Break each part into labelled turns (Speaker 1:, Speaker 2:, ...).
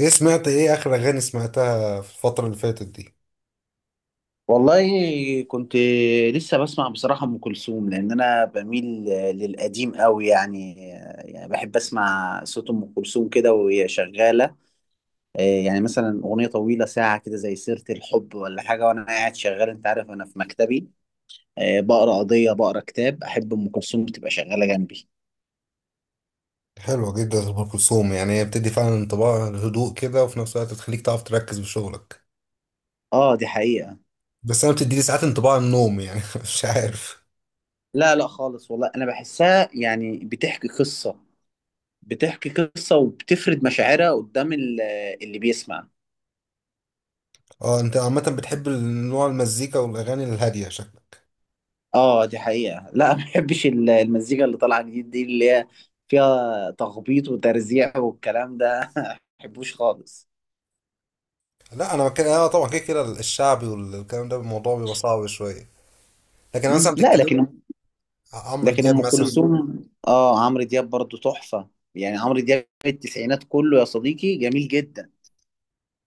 Speaker 1: ايه، سمعت ايه اخر اغاني سمعتها في الفترة اللي فاتت دي؟
Speaker 2: والله كنت لسه بسمع بصراحة أم كلثوم، لأن أنا بميل للقديم قوي يعني بحب أسمع صوت أم كلثوم كده وهي شغالة، إيه، يعني مثلا أغنية طويلة ساعة كده زي سيرة الحب ولا حاجة، وأنا قاعد شغال. أنت عارف أنا في مكتبي إيه، بقرأ قضية، بقرأ كتاب، أحب أم كلثوم تبقى شغالة جنبي.
Speaker 1: حلوة جدا ام كلثوم، يعني هي بتدي فعلا انطباع هدوء كده وفي نفس الوقت بتخليك تعرف تركز في شغلك.
Speaker 2: آه دي حقيقة.
Speaker 1: بس انا بتديلي ساعات انطباع النوم يعني مش عارف.
Speaker 2: لا لا خالص والله، أنا بحسها يعني بتحكي قصة وبتفرد مشاعرها قدام اللي بيسمع.
Speaker 1: اه، انت عامة بتحب نوع المزيكا والاغاني الهادية شكلك.
Speaker 2: اه دي حقيقة، لا ما بحبش المزيكا اللي طالعة جديد دي، اللي هي فيها تخبيط وترزيع والكلام ده ما بحبوش خالص.
Speaker 1: لا انا كده انا طبعا كده كده الشعبي والكلام ده الموضوع بيبقى صعب شوية. لكن أنا مثلا
Speaker 2: مم. لا،
Speaker 1: بتتكلم
Speaker 2: لكن
Speaker 1: عمرو
Speaker 2: لكن
Speaker 1: دياب
Speaker 2: ام
Speaker 1: مثلا.
Speaker 2: كلثوم. اه عمرو دياب برضو تحفة، يعني عمرو دياب التسعينات كله يا صديقي جميل جدا.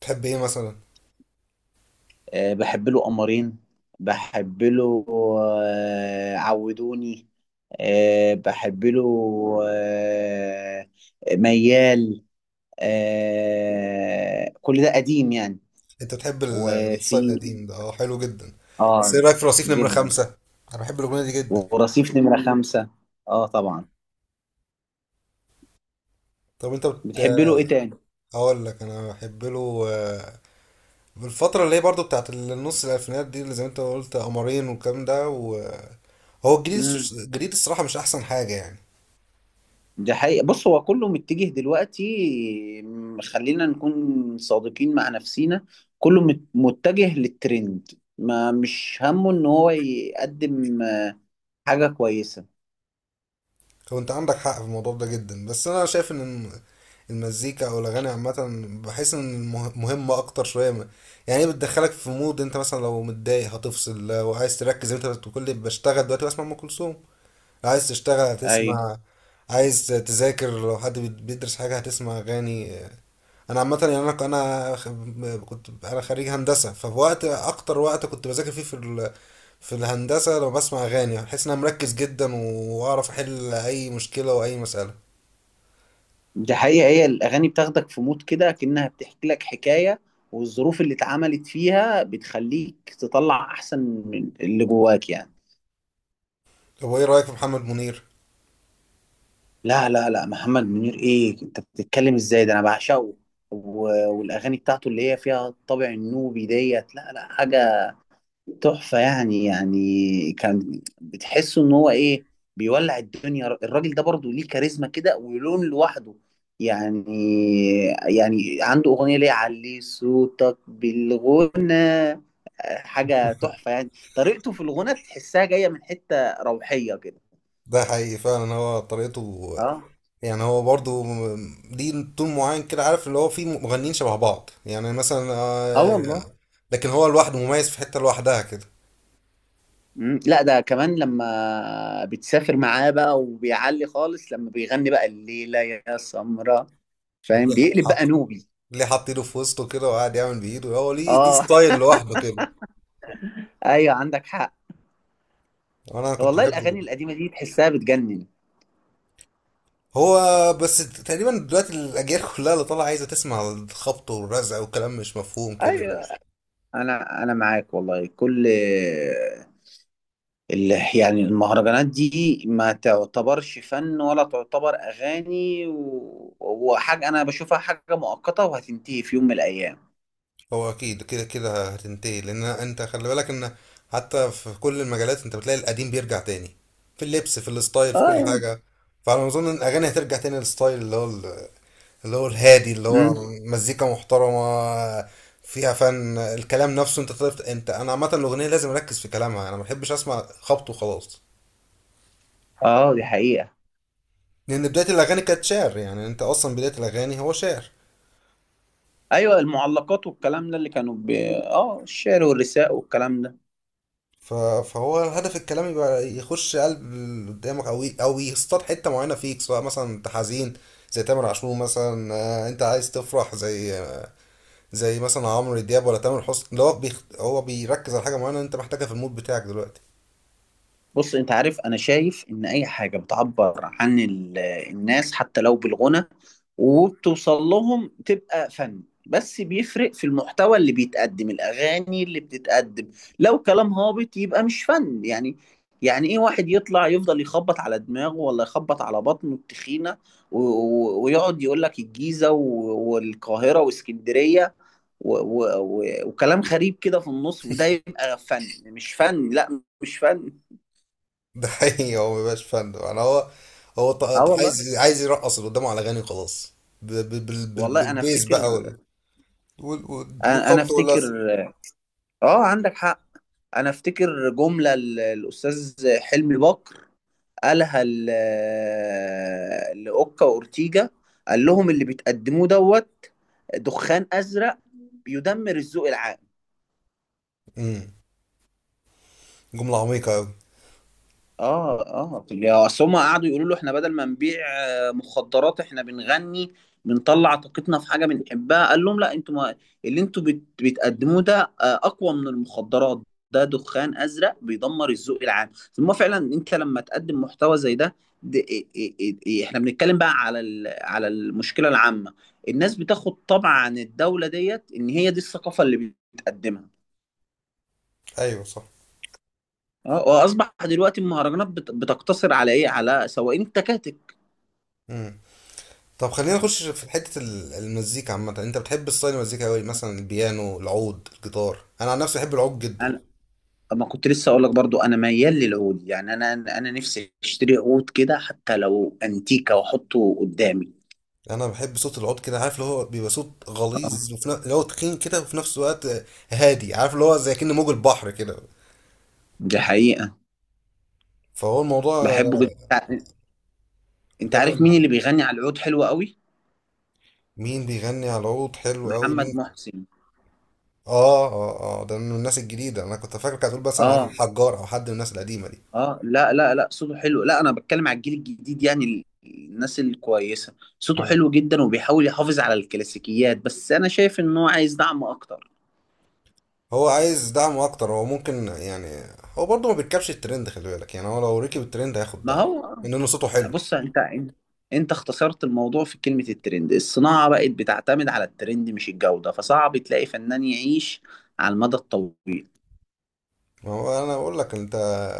Speaker 1: بتحب ايه مثلا؟
Speaker 2: أه بحب له قمرين، بحب له، آه عودوني، أه بحب له، آه ميال، آه كل ده قديم يعني.
Speaker 1: انت بتحب الستايل
Speaker 2: وفي
Speaker 1: القديم ده، اه حلو جدا. بس ايه
Speaker 2: اه
Speaker 1: رايك في رصيف نمرة
Speaker 2: جدا،
Speaker 1: خمسة؟ انا بحب الاغنية دي جدا.
Speaker 2: ورصيف نمرة خمسة. اه طبعا.
Speaker 1: طب انت
Speaker 2: بتحب له ايه تاني؟
Speaker 1: اقول لك انا بحب له بالفتره اللي هي برضو بتاعت النص الالفينات دي، اللي زي ما انت قلت قمرين والكلام ده. وهو الجديد،
Speaker 2: امم
Speaker 1: الجديد الصراحه مش احسن حاجه يعني.
Speaker 2: ده حقيقة. بص، هو كله متجه دلوقتي، خلينا نكون صادقين مع نفسينا، كله متجه للترند، ما مش همه ان هو يقدم حاجة كويسة.
Speaker 1: هو انت عندك حق في الموضوع ده جدا، بس انا شايف ان المزيكا او الاغاني عامه بحس ان مهمه اكتر شويه يعني هي بتدخلك في مود. انت مثلا لو متضايق هتفصل، لو عايز تركز زي ما انت بتقول لي بشتغل دلوقتي بسمع ام كلثوم. لو عايز تشتغل
Speaker 2: ايوه
Speaker 1: هتسمع، عايز تذاكر لو حد بيدرس حاجة هتسمع أغاني انا عامه يعني انا كنت انا خريج هندسه فوقت اكتر وقت كنت بذاكر فيه في في الهندسه، لما بسمع اغاني بحس ان انا مركز جدا واعرف احل اي مشكله واي مساله.
Speaker 2: دي حقيقة، هي الاغاني بتاخدك في مود كده كأنها بتحكي لك حكاية، والظروف اللي اتعملت فيها بتخليك تطلع احسن من اللي جواك يعني.
Speaker 1: طب وايه رايك في محمد منير؟
Speaker 2: لا لا لا محمد منير، ايه انت بتتكلم ازاي؟ ده انا بعشقه. والاغاني بتاعته اللي هي فيها الطابع النوبي ديت، لا لا، حاجه تحفه يعني. يعني كان بتحسه ان هو ايه؟ بيولع الدنيا. الراجل ده برضه ليه كاريزما كده، ولون لوحده يعني. يعني عنده اغنيه اللي هي علي صوتك بالغنى، حاجه تحفه يعني. طريقته في الغنى تحسها جايه من حته روحيه كده.
Speaker 1: ده حقيقي فعلا هو طريقته.
Speaker 2: اه.
Speaker 1: يعني هو برضو ليه تون معين كده، عارف اللي هو فيه مغنيين شبه بعض يعني مثلا
Speaker 2: اه والله.
Speaker 1: لكن هو لوحده مميز في حته لوحدها كده.
Speaker 2: مم. لا، ده كمان لما بتسافر معاه بقى وبيعلي خالص لما بيغني بقى الليلة يا سمرة، فاهم؟
Speaker 1: ليه
Speaker 2: بيقلب
Speaker 1: حط
Speaker 2: بقى نوبي.
Speaker 1: ليه حط ايده في وسطه كده وقاعد يعمل بايده، هو ليه
Speaker 2: اه.
Speaker 1: ستايل لوحده كده.
Speaker 2: ايوه عندك حق.
Speaker 1: انا كنت
Speaker 2: والله
Speaker 1: بحبه
Speaker 2: الاغاني
Speaker 1: جدا.
Speaker 2: القديمة دي تحسها بتجنن.
Speaker 1: هو بس تقريبا دلوقتي الاجيال كلها اللي طالعه عايزه تسمع الخبط والرزع وكلام مش مفهوم كده.
Speaker 2: ايوه انا معاك والله. كل يعني المهرجانات دي ما تعتبرش فن، ولا تعتبر اغاني، وحاجة، انا بشوفها حاجة مؤقتة وهتنتهي في يوم من الايام.
Speaker 1: هو اكيد كده كده هتنتهي، لان انت خلي بالك ان حتى في كل المجالات انت بتلاقي القديم بيرجع تاني، في اللبس في الستايل في كل
Speaker 2: اه.
Speaker 1: حاجه. فانا اظن ان الاغاني هترجع تاني للستايل اللي هو اللي هو الهادي، اللي هو
Speaker 2: مم.
Speaker 1: مزيكا محترمه فيها فن. الكلام نفسه، انت تعرف انت انا عامه الاغنيه لازم اركز في كلامها، انا ما بحبش اسمع خبط وخلاص.
Speaker 2: اه دي حقيقة.
Speaker 1: لان بدايه الاغاني كانت شعر، يعني انت اصلا بدايه الاغاني هو شعر.
Speaker 2: ايوه المعلقات والكلام ده اللي كانوا ب... اه الشعر والرثاء والكلام ده.
Speaker 1: ف- فهو هدف الكلام يبقى يخش قلب اللي قدامك، او او يصطاد حته معينه فيك، سواء مثلا انت حزين زي تامر عاشور مثلا انت عايز تفرح زي زي مثلا عمرو دياب ولا تامر حسني. اللي هو هو بيركز على حاجه معينه انت محتاجها في المود بتاعك دلوقتي.
Speaker 2: بص انت عارف، انا شايف ان اي حاجه بتعبر عن الناس حتى لو بالغنى وبتوصل لهم تبقى فن، بس بيفرق في المحتوى اللي بيتقدم. الاغاني اللي بتتقدم لو كلام هابط يبقى مش فن يعني. يعني ايه، واحد يطلع يفضل يخبط على دماغه ولا يخبط على بطنه التخينه، ويقعد يقول لك الجيزه والقاهره واسكندريه و وكلام غريب كده في النص، وده يبقى فن؟ مش فن، لا مش فن.
Speaker 1: ده حقيقي، هو مبيبقاش فن يعني. هو هو
Speaker 2: اه والله.
Speaker 1: عايز يرقص اللي قدامه على اغاني وخلاص.
Speaker 2: والله انا
Speaker 1: بالبيز بقى
Speaker 2: افتكر.
Speaker 1: وال... وال... وال-
Speaker 2: انا
Speaker 1: والخبط
Speaker 2: افتكر.
Speaker 1: واللزق.
Speaker 2: اه عندك حق. انا افتكر جملة الاستاذ حلمي بكر، قالها لاوكا واورتيجا، قال لهم اللي بتقدموه دوت، دخان ازرق بيدمر الذوق العام.
Speaker 1: جملة عميقة أوي.
Speaker 2: اه اه. يا اصل هم قعدوا يقولوا له احنا بدل ما نبيع مخدرات، احنا بنغني، بنطلع طاقتنا في حاجه بنحبها. قال لهم لا، انتوا ما، اللي انتوا بتقدموه ده اقوى من المخدرات، ده دخان ازرق بيدمر الذوق العام. ثم فعلا انت لما تقدم محتوى زي ده، ده إيه إيه إيه إيه؟ احنا بنتكلم بقى على على المشكله العامه، الناس بتاخد طبع عن الدوله ديت ان هي دي الثقافه اللي بتقدمها.
Speaker 1: أيوة صح.
Speaker 2: اه. واصبح دلوقتي المهرجانات بتقتصر على ايه؟ على سواقين التكاتك.
Speaker 1: مم. طب خلينا نخش في حتة المزيكا عامة، أنت بتحب ستايل المزيكا أوي مثلا البيانو العود الجيتار؟ أنا عن نفسي بحب العود جدا.
Speaker 2: انا ما كنت لسه اقول لك برضو، انا ميال للعود يعني. انا نفسي اشتري عود كده حتى لو انتيكه واحطه قدامي.
Speaker 1: أنا بحب صوت العود كده، عارف اللي هو بيبقى صوت
Speaker 2: اه
Speaker 1: غليظ وفي نفس اللي هو تخين كده، وفي نفس الوقت هادي، عارف اللي هو زي كأن موج البحر كده.
Speaker 2: دي حقيقه.
Speaker 1: فهو الموضوع.
Speaker 2: بحبه جدا. انت أنت عارف
Speaker 1: تمام.
Speaker 2: مين اللي بيغني على العود حلو قوي؟
Speaker 1: مين بيغني على العود حلو أوي
Speaker 2: محمد
Speaker 1: مين؟
Speaker 2: محسن.
Speaker 1: آه آه آه، ده من الناس الجديدة. أنا كنت فاكر كانت هتقول مثلا علي
Speaker 2: اه
Speaker 1: الحجار أو حد من الناس القديمة.
Speaker 2: اه. لا لا لا، صوته حلو. لا، انا بتكلم على الجيل الجديد، يعني الناس الكويسه. صوته
Speaker 1: دي
Speaker 2: حلو جدا، وبيحاول يحافظ على الكلاسيكيات. بس انا شايف ان هو عايز دعم اكتر.
Speaker 1: هو عايز دعم اكتر، هو ممكن يعني هو برضه ما بيركبش الترند، خلي بالك يعني هو لو ركب الترند هياخد
Speaker 2: ما
Speaker 1: دعم.
Speaker 2: هو آه.
Speaker 1: انه صوته حلو.
Speaker 2: بص انت اختصرت الموضوع في كلمة الترند. الصناعة بقت بتعتمد على الترند مش الجودة، فصعب تلاقي فنان يعيش على المدى الطويل.
Speaker 1: ما هو انا بقول لك انت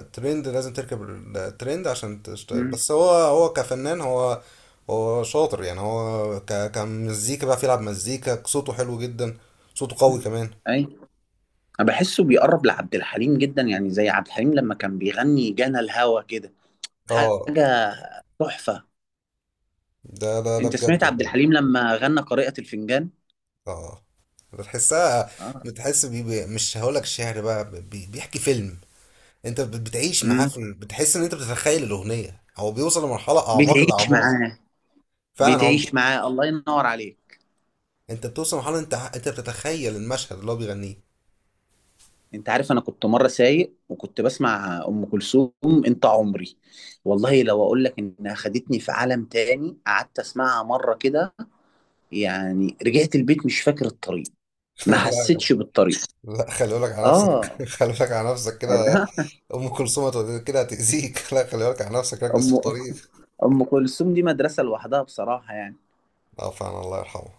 Speaker 1: الترند لازم تركب، الترند عشان تشتغل.
Speaker 2: مم.
Speaker 1: بس هو كفنان، هو هو شاطر يعني هو ك كمزيكا بقى بيلعب مزيكا، صوته حلو جدا، صوته قوي كمان.
Speaker 2: اي. انا بحسه بيقرب لعبد الحليم جدا، يعني زي عبد الحليم لما كان بيغني جانا الهوى كده،
Speaker 1: اه،
Speaker 2: حاجة تحفة.
Speaker 1: ده
Speaker 2: انت
Speaker 1: بجد
Speaker 2: سمعت عبد
Speaker 1: فعلا.
Speaker 2: الحليم لما غنى قارئة الفنجان؟
Speaker 1: اه، بتحسها،
Speaker 2: اه.
Speaker 1: بتحس مش هقولك شعر بقى، بيحكي فيلم. انت بتعيش معاه
Speaker 2: امم
Speaker 1: في بتحس ان انت بتتخيل الاغنيه، هو بيوصل لمرحله اعماق
Speaker 2: بتعيش
Speaker 1: الاعماق.
Speaker 2: معاه.
Speaker 1: فعلا عم.
Speaker 2: بتعيش معاه، الله ينور عليك.
Speaker 1: انت بتوصل لمرحله انت انت بتتخيل المشهد اللي هو بيغنيه.
Speaker 2: انت عارف، انا كنت مره سايق وكنت بسمع ام كلثوم، انت عمري، والله لو اقول لك انها خدتني في عالم تاني. قعدت اسمعها مره كده يعني، رجعت البيت مش فاكر الطريق،
Speaker 1: لا
Speaker 2: ما
Speaker 1: يا جماعة.
Speaker 2: حسيتش بالطريق.
Speaker 1: لا، خلي بالك على نفسك.
Speaker 2: اه.
Speaker 1: خلي بالك على نفسك كده.
Speaker 2: لا.
Speaker 1: ام كلثوم كده هتاذيك. لا، خلي بالك على نفسك، ركز
Speaker 2: ام
Speaker 1: في الطريق.
Speaker 2: ام كلثوم دي مدرسه لوحدها بصراحه يعني.
Speaker 1: اه فعلا الله يرحمه.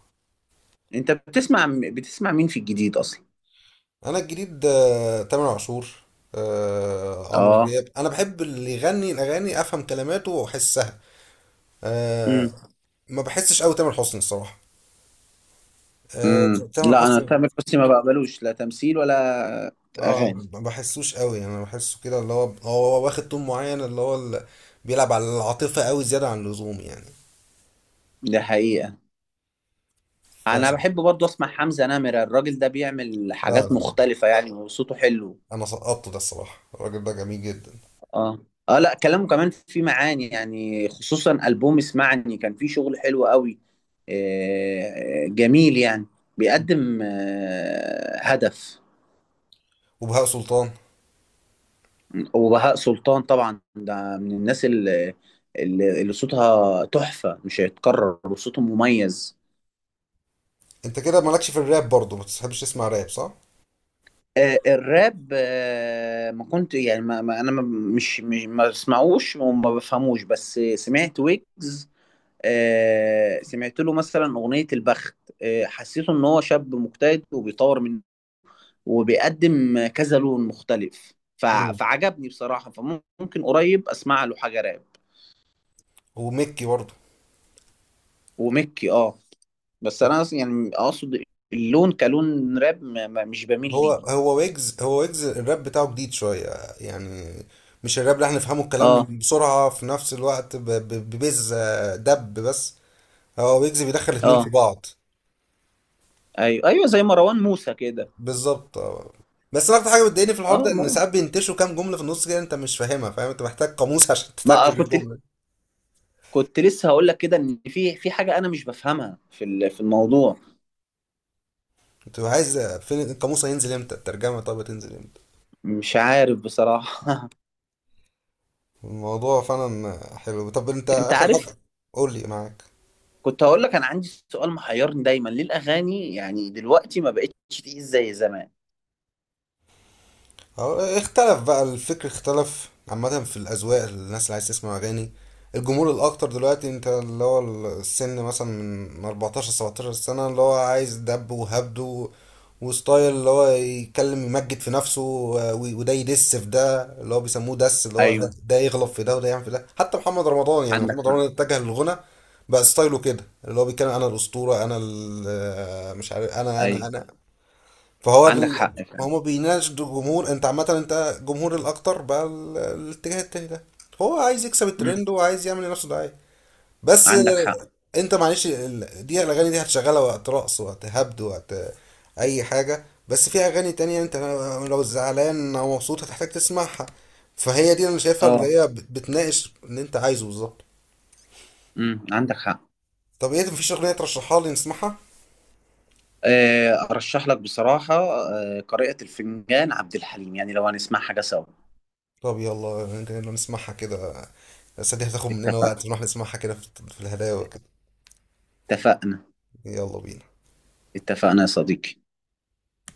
Speaker 2: انت بتسمع مين في الجديد اصلا؟
Speaker 1: انا الجديد تامر عاشور، عمرو
Speaker 2: اه.
Speaker 1: دياب. انا بحب اللي يغني الاغاني افهم كلماته واحسها. أه،
Speaker 2: امم
Speaker 1: ما بحسش قوي تامر حسني الصراحه. أه، تامر
Speaker 2: لا، انا
Speaker 1: حسني.
Speaker 2: تامر حسني ما بقبلوش، لا تمثيل ولا
Speaker 1: اه،
Speaker 2: اغاني.
Speaker 1: ما بحسوش قوي يعني، انا بحسه كده اللي هو واخد طول معين اللي هو بيلعب على العاطفة قوي زيادة عن اللزوم يعني.
Speaker 2: ده حقيقه. انا
Speaker 1: فعشان،
Speaker 2: بحب برضه اسمع حمزة نمرة، الراجل ده بيعمل
Speaker 1: لا
Speaker 2: حاجات
Speaker 1: لا لا.
Speaker 2: مختلفة يعني، وصوته حلو.
Speaker 1: انا سقطت، ده الصراحة الراجل ده جميل جدا.
Speaker 2: اه اه. لا كلامه كمان فيه معاني يعني، خصوصا ألبوم اسمعني كان فيه شغل حلو قوي، جميل يعني. بيقدم هدف.
Speaker 1: وبهاء سلطان.
Speaker 2: وبهاء سلطان طبعا، ده من الناس اللي صوتها تحفة مش هيتكرر، وصوته مميز.
Speaker 1: انت كده مالكش في الراب برضه، ما بتحبش تسمع راب صح؟
Speaker 2: الراب، ما كنت يعني، انا مش ما بسمعوش وما بفهموش، بس سمعت ويجز. سمعت له مثلا اغنيه البخت، حسيته ان هو شاب مجتهد، وبيطور من وبيقدم كذا لون مختلف،
Speaker 1: مم.
Speaker 2: فعجبني بصراحه، فممكن قريب اسمع له حاجه راب.
Speaker 1: وميكي برضه.
Speaker 2: ومكي اه. بس انا يعني اقصد اللون كلون راب مش بميل ليه.
Speaker 1: هو ويجز الراب بتاعه جديد شوية يعني. مش الراب اللي احنا نفهمه
Speaker 2: اه
Speaker 1: الكلام بسرعة، في نفس الوقت ببز دب بس. هو ويجز بيدخل الاتنين في
Speaker 2: اه.
Speaker 1: بعض.
Speaker 2: ايوه ايوه زي مروان موسى كده.
Speaker 1: بالظبط اه. بس أنا اكتر حاجه بتضايقني في الحوار
Speaker 2: اه،
Speaker 1: ده ان ساعات بينتشوا كام جمله في النص كده، انت مش فاهمها، فاهم انت محتاج قاموس عشان تترجم
Speaker 2: ما كنت
Speaker 1: الجمله.
Speaker 2: كنت لسه هقول لك كده، ان في حاجه انا مش بفهمها في في الموضوع.
Speaker 1: انت عايز فين القاموس، هينزل امتى الترجمه، طب هتنزل امتى؟
Speaker 2: مش عارف بصراحه.
Speaker 1: الموضوع فعلا حلو. طب انت
Speaker 2: انت
Speaker 1: اخر
Speaker 2: عارف،
Speaker 1: حاجه قول لي معاك.
Speaker 2: كنت هقول لك انا عندي سؤال محيرني دايما، ليه الاغاني يعني دلوقتي ما بقتش تقيل زي زمان؟
Speaker 1: اه، اختلف بقى الفكر، اختلف عامة في الأذواق. الناس اللي عايز تسمع أغاني، الجمهور الأكتر دلوقتي أنت اللي هو السن مثلا من 14 17 سنة، اللي هو عايز دب وهبد وستايل اللي هو يتكلم يمجد في نفسه وده يدس في ده اللي هو بيسموه دس، اللي هو ده،
Speaker 2: ايوه
Speaker 1: ده يغلط في ده وده يعمل في ده. حتى محمد رمضان يعني،
Speaker 2: عندك
Speaker 1: محمد
Speaker 2: حق.
Speaker 1: رمضان اتجه للغنى بقى ستايله كده، اللي هو بيتكلم أنا الأسطورة أنا مش عارف أنا أنا
Speaker 2: ايوه
Speaker 1: أنا فهو ده
Speaker 2: عندك حق
Speaker 1: ما
Speaker 2: فعلا.
Speaker 1: هما بيناقش الجمهور. انت عامة انت جمهور الاكتر بقى الاتجاه التاني ده، هو عايز يكسب
Speaker 2: مم.
Speaker 1: الترند وعايز يعمل لنفسه دعاية. بس
Speaker 2: عندك حق.
Speaker 1: انت معلش دي الاغاني دي هتشغلها وقت رقص، وقت هبد، وقت اي حاجة. بس في اغاني تانية انت لو زعلان او مبسوط هتحتاج تسمعها. فهي دي اللي انا شايفها اللي
Speaker 2: اه.
Speaker 1: هي بتناقش اللي انت عايزه بالظبط.
Speaker 2: عندك حق.
Speaker 1: طب ايه مفيش اغنية ترشحها لي نسمعها؟
Speaker 2: ارشح لك بصراحه قارئة الفنجان عبد الحليم، يعني لو هنسمع حاجه سوا.
Speaker 1: طب يلا، يلا نسمعها كده. بس دي هتاخد مننا وقت
Speaker 2: اتفقنا.
Speaker 1: نروح نسمعها كده، في الهدايا وكده.
Speaker 2: اتفقنا.
Speaker 1: يلا بينا.
Speaker 2: اتفقنا يا صديقي.